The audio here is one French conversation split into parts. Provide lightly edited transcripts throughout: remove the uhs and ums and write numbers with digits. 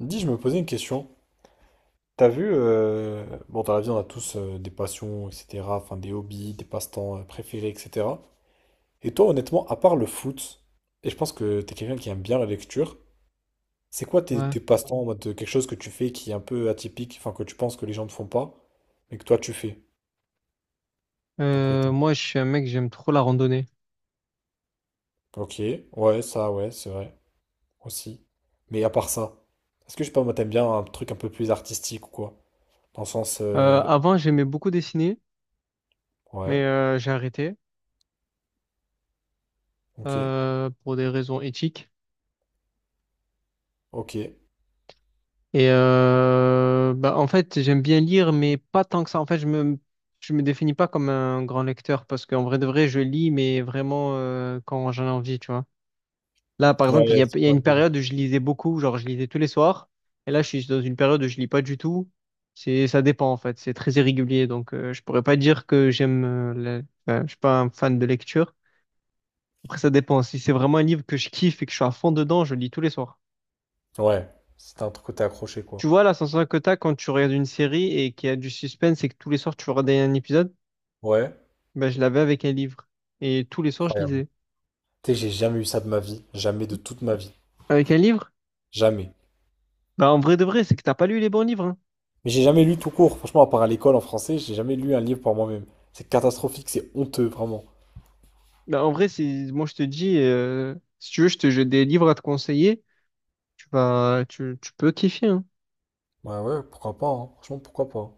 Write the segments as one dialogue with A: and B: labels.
A: Dis, je me posais une question. T'as vu, bon, dans la vie, on a tous des passions, etc., enfin des hobbies, des passe-temps préférés, etc. Et toi, honnêtement, à part le foot, et je pense que t'es quelqu'un qui aime bien la lecture, c'est quoi tes,
B: Ouais.
A: tes passe-temps en mode quelque chose que tu fais qui est un peu atypique, enfin que tu penses que les gens ne font pas, mais que toi tu fais, de ton côté?
B: Moi, je suis un mec, j'aime trop la randonnée.
A: Ok, ouais, ça, ouais, c'est vrai, aussi. Mais à part ça, est-ce que je sais pas, moi, t'aimes bien un truc un peu plus artistique ou quoi? Dans le sens,
B: Avant, j'aimais beaucoup dessiner,
A: ouais,
B: mais j'ai arrêté
A: ok,
B: pour des raisons éthiques.
A: ok.
B: Et bah, en fait, j'aime bien lire, mais pas tant que ça. En fait, je me définis pas comme un grand lecteur parce qu'en vrai de vrai, je lis, mais vraiment quand j'en ai envie, tu vois. Là, par exemple,
A: Ouais, c'est
B: il y a
A: pas
B: une
A: le...
B: période où je lisais beaucoup, genre je lisais tous les soirs. Et là, je suis dans une période où je lis pas du tout. Ça dépend en fait, c'est très irrégulier. Donc, je pourrais pas dire que j'aime, enfin, je suis pas un fan de lecture. Après, ça dépend. Si c'est vraiment un livre que je kiffe et que je suis à fond dedans, je lis tous les soirs.
A: Ouais, c'était un truc où t'es accroché, quoi.
B: Tu vois, la sensation que t'as quand tu regardes une série et qu'il y a du suspense et que tous les soirs tu veux regarder un épisode,
A: Ouais,
B: ben, je l'avais avec un livre. Et tous les soirs, je
A: incroyable.
B: lisais.
A: Tu sais, j'ai jamais eu ça de ma vie, jamais de toute ma vie,
B: Avec un livre?
A: jamais.
B: Ben, en vrai de vrai, c'est que t'as pas lu les bons livres, hein.
A: Mais j'ai jamais lu tout court, franchement, à part à l'école en français, j'ai jamais lu un livre par moi-même. C'est catastrophique, c'est honteux, vraiment.
B: Bah, en vrai, c'est moi je te dis, si tu veux, je te j'ai des livres à te conseiller. Tu vas, tu peux kiffer, hein.
A: Ouais, ouais, pourquoi pas, hein. Franchement, pourquoi pas.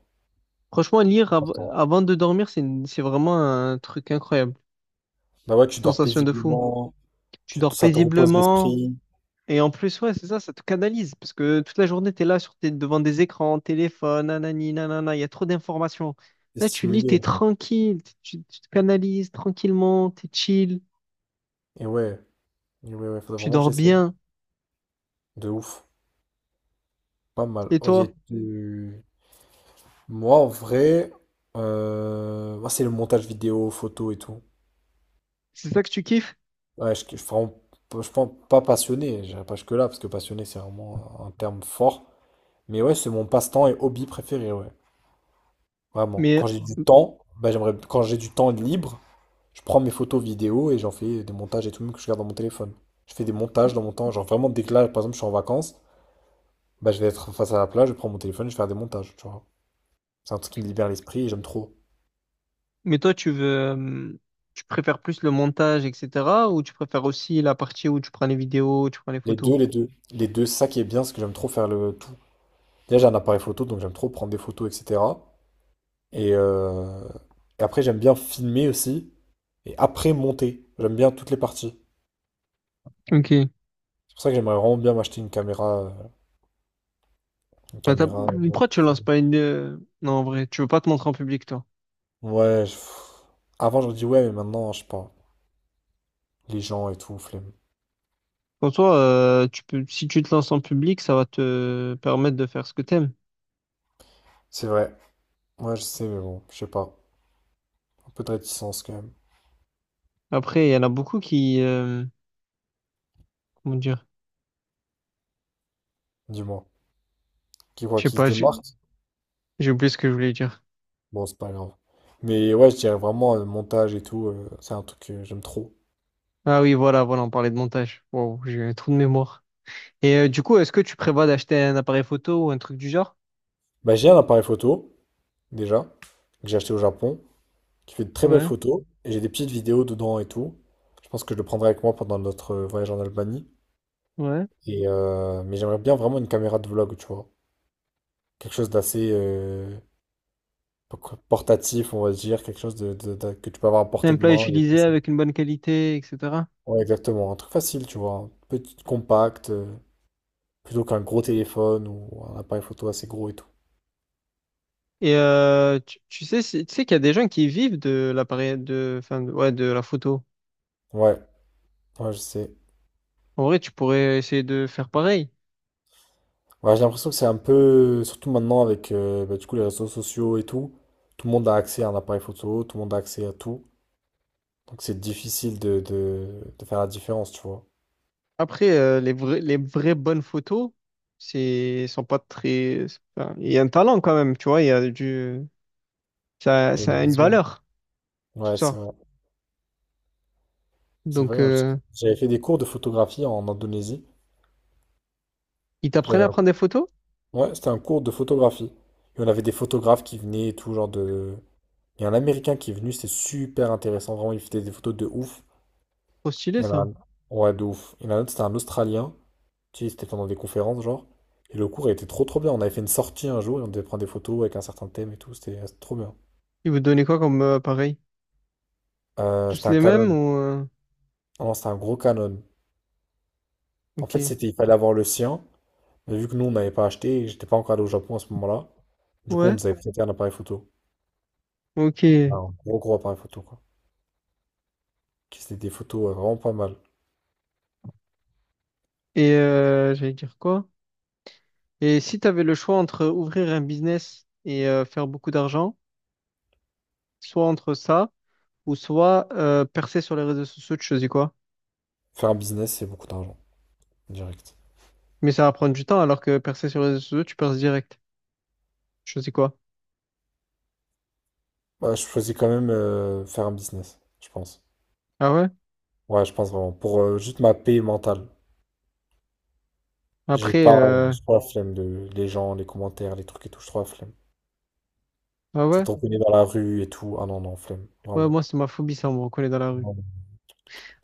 B: Franchement, lire
A: Attends.
B: avant de dormir, c'est vraiment un truc incroyable.
A: Bah ouais, tu dors
B: Sensation de fou.
A: paisiblement,
B: Tu
A: tu
B: dors
A: ça te repose
B: paisiblement
A: l'esprit,
B: et en plus, ouais, c'est ça, ça te canalise parce que toute la journée, t'es là sur devant des écrans, téléphone, nanani, nanana, il y a trop d'informations.
A: t'es
B: Là, tu lis, t'es
A: stimulé.
B: tranquille, tu te canalises tranquillement, t'es chill,
A: Et ouais, et ouais, ouais, faudrait
B: tu
A: vraiment que
B: dors
A: j'essaye.
B: bien.
A: De ouf, pas mal.
B: Et
A: Ok,
B: toi,
A: tu... moi en vrai, moi c'est le montage vidéo, photo et tout.
B: c'est ça que tu kiffes?
A: Ouais, je pense pas passionné, j'irai pas jusque-là, parce que passionné, c'est vraiment un terme fort. Mais ouais, c'est mon passe-temps et hobby préféré, ouais. Vraiment.
B: Mais
A: Quand j'ai du temps, bah, j'aimerais, quand j'ai du temps libre, je prends mes photos vidéo et j'en fais des montages et tout, même que je garde dans mon téléphone. Je fais des montages dans mon temps. Genre vraiment, dès que là, par exemple, je suis en vacances, bah, je vais être face à la plage, je prends mon téléphone, je vais faire des montages, tu vois. C'est un truc qui me libère l'esprit et j'aime trop.
B: Mais toi, tu veux, euh, tu préfères plus le montage, etc., ou tu préfères aussi la partie où tu prends les vidéos, tu prends les
A: Les
B: photos?
A: deux, les deux. Les deux, c'est ça qui est bien, c'est que j'aime trop faire le tout. Déjà, j'ai un appareil photo, donc j'aime trop prendre des photos, etc. Et, euh, et après, j'aime bien filmer aussi. Et après, monter. J'aime bien toutes les parties.
B: Ok.
A: C'est pour ça que j'aimerais vraiment bien m'acheter une caméra. Une
B: Bah, t'as-
A: caméra.
B: Pourquoi tu lances pas une... non, en vrai, tu veux pas te montrer en public, toi.
A: Ouais, pff. Avant, j'aurais dit ouais, mais maintenant, je sais pas. Les gens et tout, flemme.
B: Pour toi, tu peux... si tu te lances en public, ça va te permettre de faire ce que t'aimes.
A: C'est vrai. Ouais, je sais, mais bon, je sais pas. Un peu de réticence quand même.
B: Après, il y en a beaucoup qui... comment dire?
A: Dis-moi. Qui quoi,
B: Je sais
A: qui se
B: pas,
A: démarque?
B: j'ai oublié ce que je voulais dire.
A: Bon, c'est pas grave. Mais ouais, je dirais vraiment montage et tout. C'est un truc que j'aime trop.
B: Ah oui, voilà, voilà, on parlait de montage. Wow, j'ai un trou de mémoire. Et du coup, est-ce que tu prévois d'acheter un appareil photo ou un truc du genre?
A: Bah, j'ai un appareil photo, déjà, que j'ai acheté au Japon, qui fait de très belles
B: Ouais,
A: photos. Et j'ai des petites vidéos dedans et tout. Je pense que je le prendrai avec moi pendant notre voyage en Albanie.
B: ouais.
A: Et, mais j'aimerais bien vraiment une caméra de vlog, tu vois. Quelque chose d'assez portatif, on va dire. Quelque chose que tu peux avoir à
B: C'est
A: portée
B: un
A: de
B: plat
A: main, et tout
B: utilisé
A: ça.
B: avec une bonne qualité, etc.
A: Ouais, exactement. Un truc facile, tu vois. Un petit compact, plutôt qu'un gros téléphone ou un appareil photo assez gros et tout.
B: Et tu sais, tu sais qu'il y a des gens qui vivent de l'appareil, ouais, de la photo.
A: Ouais, ouais, je sais.
B: En vrai, tu pourrais essayer de faire pareil.
A: Ouais, j'ai l'impression que c'est un peu, surtout maintenant avec bah, du coup, les réseaux sociaux et tout, tout le monde a accès à un appareil photo, tout le monde a accès à tout. Donc c'est difficile de faire la différence, tu vois.
B: Après, les vrais, les vraies bonnes photos sont pas très... c'est pas... Il y a un talent quand même, tu vois. Il y a ça,
A: Il y a une
B: ça a une
A: vision.
B: valeur, tout
A: Ouais, c'est
B: ça.
A: vrai. C'est
B: Donc,
A: vrai, hein, j'avais fait des cours de photographie en Indonésie.
B: ils t'apprennent
A: J'avais
B: à
A: un...
B: prendre des photos?
A: Ouais, c'était un cours de photographie. Et on avait des photographes qui venaient et tout, genre de... Il y a un Américain qui est venu, c'était super intéressant. Vraiment, il faisait des photos de ouf.
B: Trop stylé
A: Il y en a
B: ça.
A: un... Ouais, de ouf. Il y en a un autre, c'était un Australien. Tu sais, c'était pendant des conférences, genre. Et le cours a été trop, trop bien. On avait fait une sortie un jour et on devait prendre des photos avec un certain thème et tout. C'était trop bien.
B: Ils vous donnaient quoi comme appareil? Tous
A: C'était un
B: les mêmes
A: Canon.
B: ou
A: Ah non, c'était un gros Canon. En fait,
B: ok.
A: c'était, il fallait avoir le sien. Mais vu que nous, on n'avait pas acheté, j'étais pas encore allé au Japon à ce moment-là. Du coup, on
B: Ouais.
A: nous avait prêté un appareil photo.
B: Ok.
A: Enfin,
B: Et
A: un gros, gros appareil photo, quoi. Qui c'était des photos vraiment pas mal.
B: j'allais dire quoi? Et si tu avais le choix entre ouvrir un business et faire beaucoup d'argent, soit entre ça, ou soit percer sur les réseaux sociaux, tu choisis quoi?
A: Faire un business, c'est beaucoup d'argent, direct.
B: Mais ça va prendre du temps, alors que percer sur les réseaux sociaux, tu perces direct. Tu choisis quoi?
A: Bah, je choisis quand même faire un business, je pense.
B: Ah ouais?
A: Ouais, je pense vraiment. Pour juste ma paix mentale. J'ai
B: Après,
A: pas, je trop la flemme de les gens, les commentaires, les trucs et tout, je trouve la flemme.
B: ah
A: Ça
B: ouais?
A: te reconnaît dans la rue et tout. Ah non, non, flemme,
B: Ouais,
A: vraiment.
B: moi, c'est ma phobie, ça, on me reconnaît dans la rue.
A: Vraiment.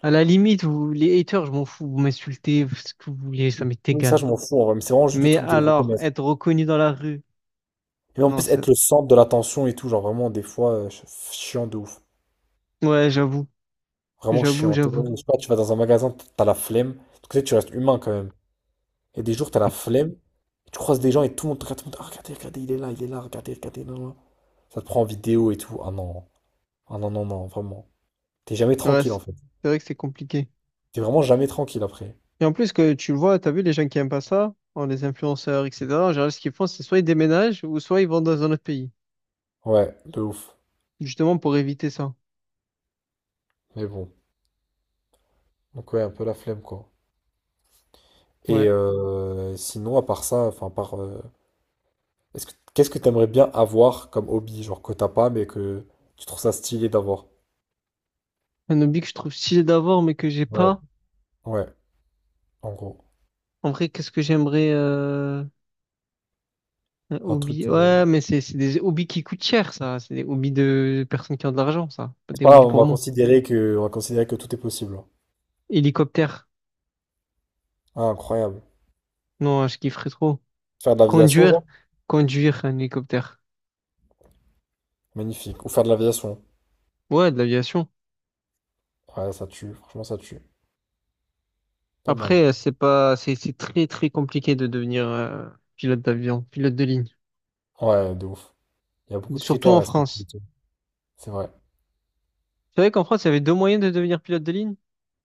B: À la limite, vous, les haters, je m'en fous, vous m'insultez, ce que vous voulez, ça m'est
A: Oui, ça,
B: égal.
A: je m'en fous, en vrai, mais c'est vraiment juste le
B: Mais
A: truc de
B: alors,
A: reconnaître.
B: être reconnu dans la rue,
A: Et en
B: non,
A: plus, être
B: c'est...
A: le centre de l'attention et tout, genre vraiment, des fois, chiant de ouf.
B: Ouais, j'avoue,
A: Vraiment
B: j'avoue,
A: chiant.
B: j'avoue.
A: Je sais pas, tu vas dans un magasin, t'as la flemme. Parce que tu sais, tu restes humain quand même. Et des jours, t'as la flemme, tu croises des gens et tout le monde te regarde, tout le monde, ah, regardez, regardez, il est là, regardez, regardez, là, là. Ça te prend en vidéo et tout. Ah non, ah non, non, non, vraiment. T'es jamais
B: Ouais,
A: tranquille en fait.
B: c'est vrai que c'est compliqué.
A: T'es vraiment jamais tranquille après.
B: Et en plus que tu le vois, t'as vu les gens qui aiment pas ça, oh, les influenceurs, etc. En général, ce qu'ils font, c'est soit ils déménagent ou soit ils vont dans un autre pays,
A: Ouais, de ouf.
B: justement pour éviter ça.
A: Mais bon. Donc ouais, un peu la flemme quoi. Et
B: Ouais.
A: sinon, à part ça, enfin, à part est-ce que- qu'est-ce que t'aimerais bien avoir comme hobby, genre que t'as pas, mais que tu trouves ça stylé d'avoir?
B: Un hobby que je trouve stylé d'avoir, mais que j'ai
A: Ouais.
B: pas.
A: Ouais, en gros.
B: En vrai, qu'est-ce que j'aimerais un
A: Un truc.
B: hobby? Ouais, mais c'est des hobbies qui coûtent cher, ça. C'est des hobbies de personnes qui ont de l'argent, ça. Pas
A: C'est
B: des
A: pas
B: hobbies
A: grave, on
B: pour
A: va
B: moi.
A: considérer que, on va considérer que tout est possible, hein.
B: Hélicoptère.
A: Ah, incroyable.
B: Non, je kifferais trop.
A: Faire de l'aviation,
B: Conduire.
A: genre?
B: Conduire un hélicoptère.
A: Magnifique. Ou faire de l'aviation.
B: Ouais, de l'aviation.
A: Ouais, ça tue. Franchement, ça tue. Pas mal.
B: Après, c'est pas, c'est très très compliqué de devenir pilote d'avion, pilote de ligne,
A: Ouais, de ouf. Il y a beaucoup de
B: surtout
A: critères à
B: en
A: respecter, et
B: France.
A: tout. C'est vrai.
B: Tu savais qu'en France, il y avait deux moyens de devenir pilote de ligne?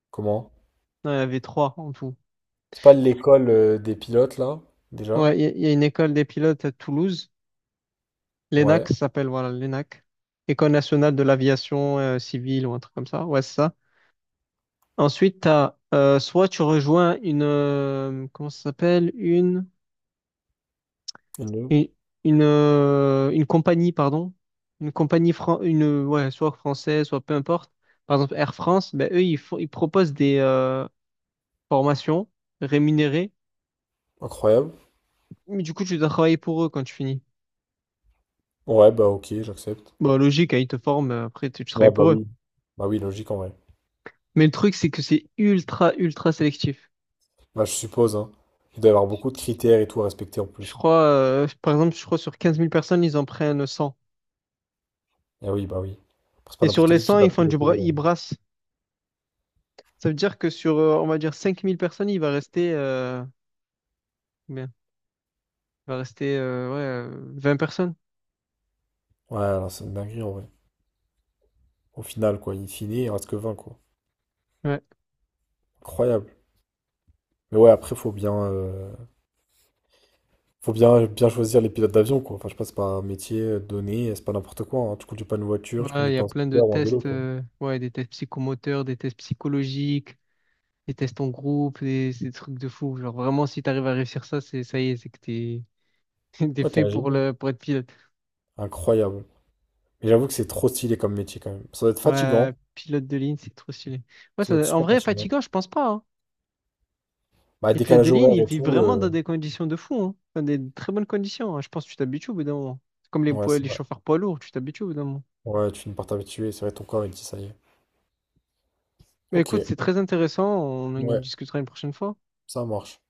A: Comment?
B: Non, il y avait trois en tout.
A: C'est pas l'école des pilotes, là, déjà?
B: Ouais, il y a une école des pilotes à Toulouse, l'ENAC
A: Ouais.
B: ça s'appelle, voilà, l'ENAC, École nationale de l'aviation civile ou un truc comme ça. Ouais, c'est ça. Ensuite, t'as, soit tu rejoins une, comment ça s'appelle? Une
A: Une.
B: Et une, une compagnie, pardon, une compagnie, une, ouais, soit française, soit peu importe, par exemple Air France, ben, eux, ils proposent des formations rémunérées,
A: Incroyable.
B: mais du coup, tu dois travailler pour eux quand tu finis.
A: Ouais, bah ok, j'accepte.
B: Bah logique, hein, ils te forment, après, tu travailles
A: Ouais, bah
B: pour eux.
A: oui. Bah oui, logique en vrai.
B: Mais le truc, c'est que c'est ultra, ultra sélectif.
A: Bah, je suppose, hein. Il doit y avoir beaucoup de critères et tout à respecter en
B: Je
A: plus.
B: crois, par exemple, je crois sur 15 000 personnes, ils en prennent 100.
A: Ah oui, bah oui. C'est pas
B: Et sur
A: n'importe
B: les
A: qui
B: 100
A: va
B: ils font du
A: piloter,
B: ils brassent. Ça veut dire que sur, on va dire, 5 000 personnes, il va rester, ouais, 20 personnes.
A: Ouais, alors c'est une dinguerie en vrai. Au final, quoi, in fine, il reste que 20 quoi.
B: Ouais.
A: Incroyable. Mais ouais, après, faut bien, bien choisir les pilotes d'avion, quoi. Enfin, je sais pas, c'est pas un métier donné, c'est pas n'importe quoi, hein. Tu conduis pas une voiture, tu
B: Voilà, il
A: conduis
B: y a
A: pas un
B: plein de
A: scooter ou un vélo,
B: tests,
A: quoi.
B: ouais, des tests psychomoteurs, des tests psychologiques, des tests en groupe, des trucs de fou. Genre vraiment, si tu arrives à réussir ça, c'est ça y est, c'est que t'es t'es
A: Ouais, t'es
B: fait
A: un
B: pour
A: génie.
B: le pour être pilote.
A: Incroyable. Mais j'avoue que c'est trop stylé comme métier, quand même. Ça doit être
B: Ouais,
A: fatigant.
B: pilote de ligne, c'est trop stylé. Ouais,
A: Ça doit être
B: en
A: super
B: vrai,
A: fatigant.
B: fatigant, je pense pas, hein.
A: Bah,
B: Les pilotes de
A: décalage
B: ligne,
A: horaire
B: ils
A: et
B: vivent
A: tout.
B: vraiment dans des conditions de fou, hein. Dans des très bonnes conditions, hein. Je pense que tu t'habitues au bout d'un moment. C'est comme les,
A: Ouais, c'est
B: les
A: vrai.
B: chauffeurs poids lourds, tu t'habitues au bout d'un moment.
A: Ouais, tu finis par t'habituer. C'est vrai, ton corps, il dit ça y est.
B: Mais
A: Ok,
B: écoute, c'est très intéressant, on en
A: ouais,
B: discutera une prochaine fois.
A: ça marche.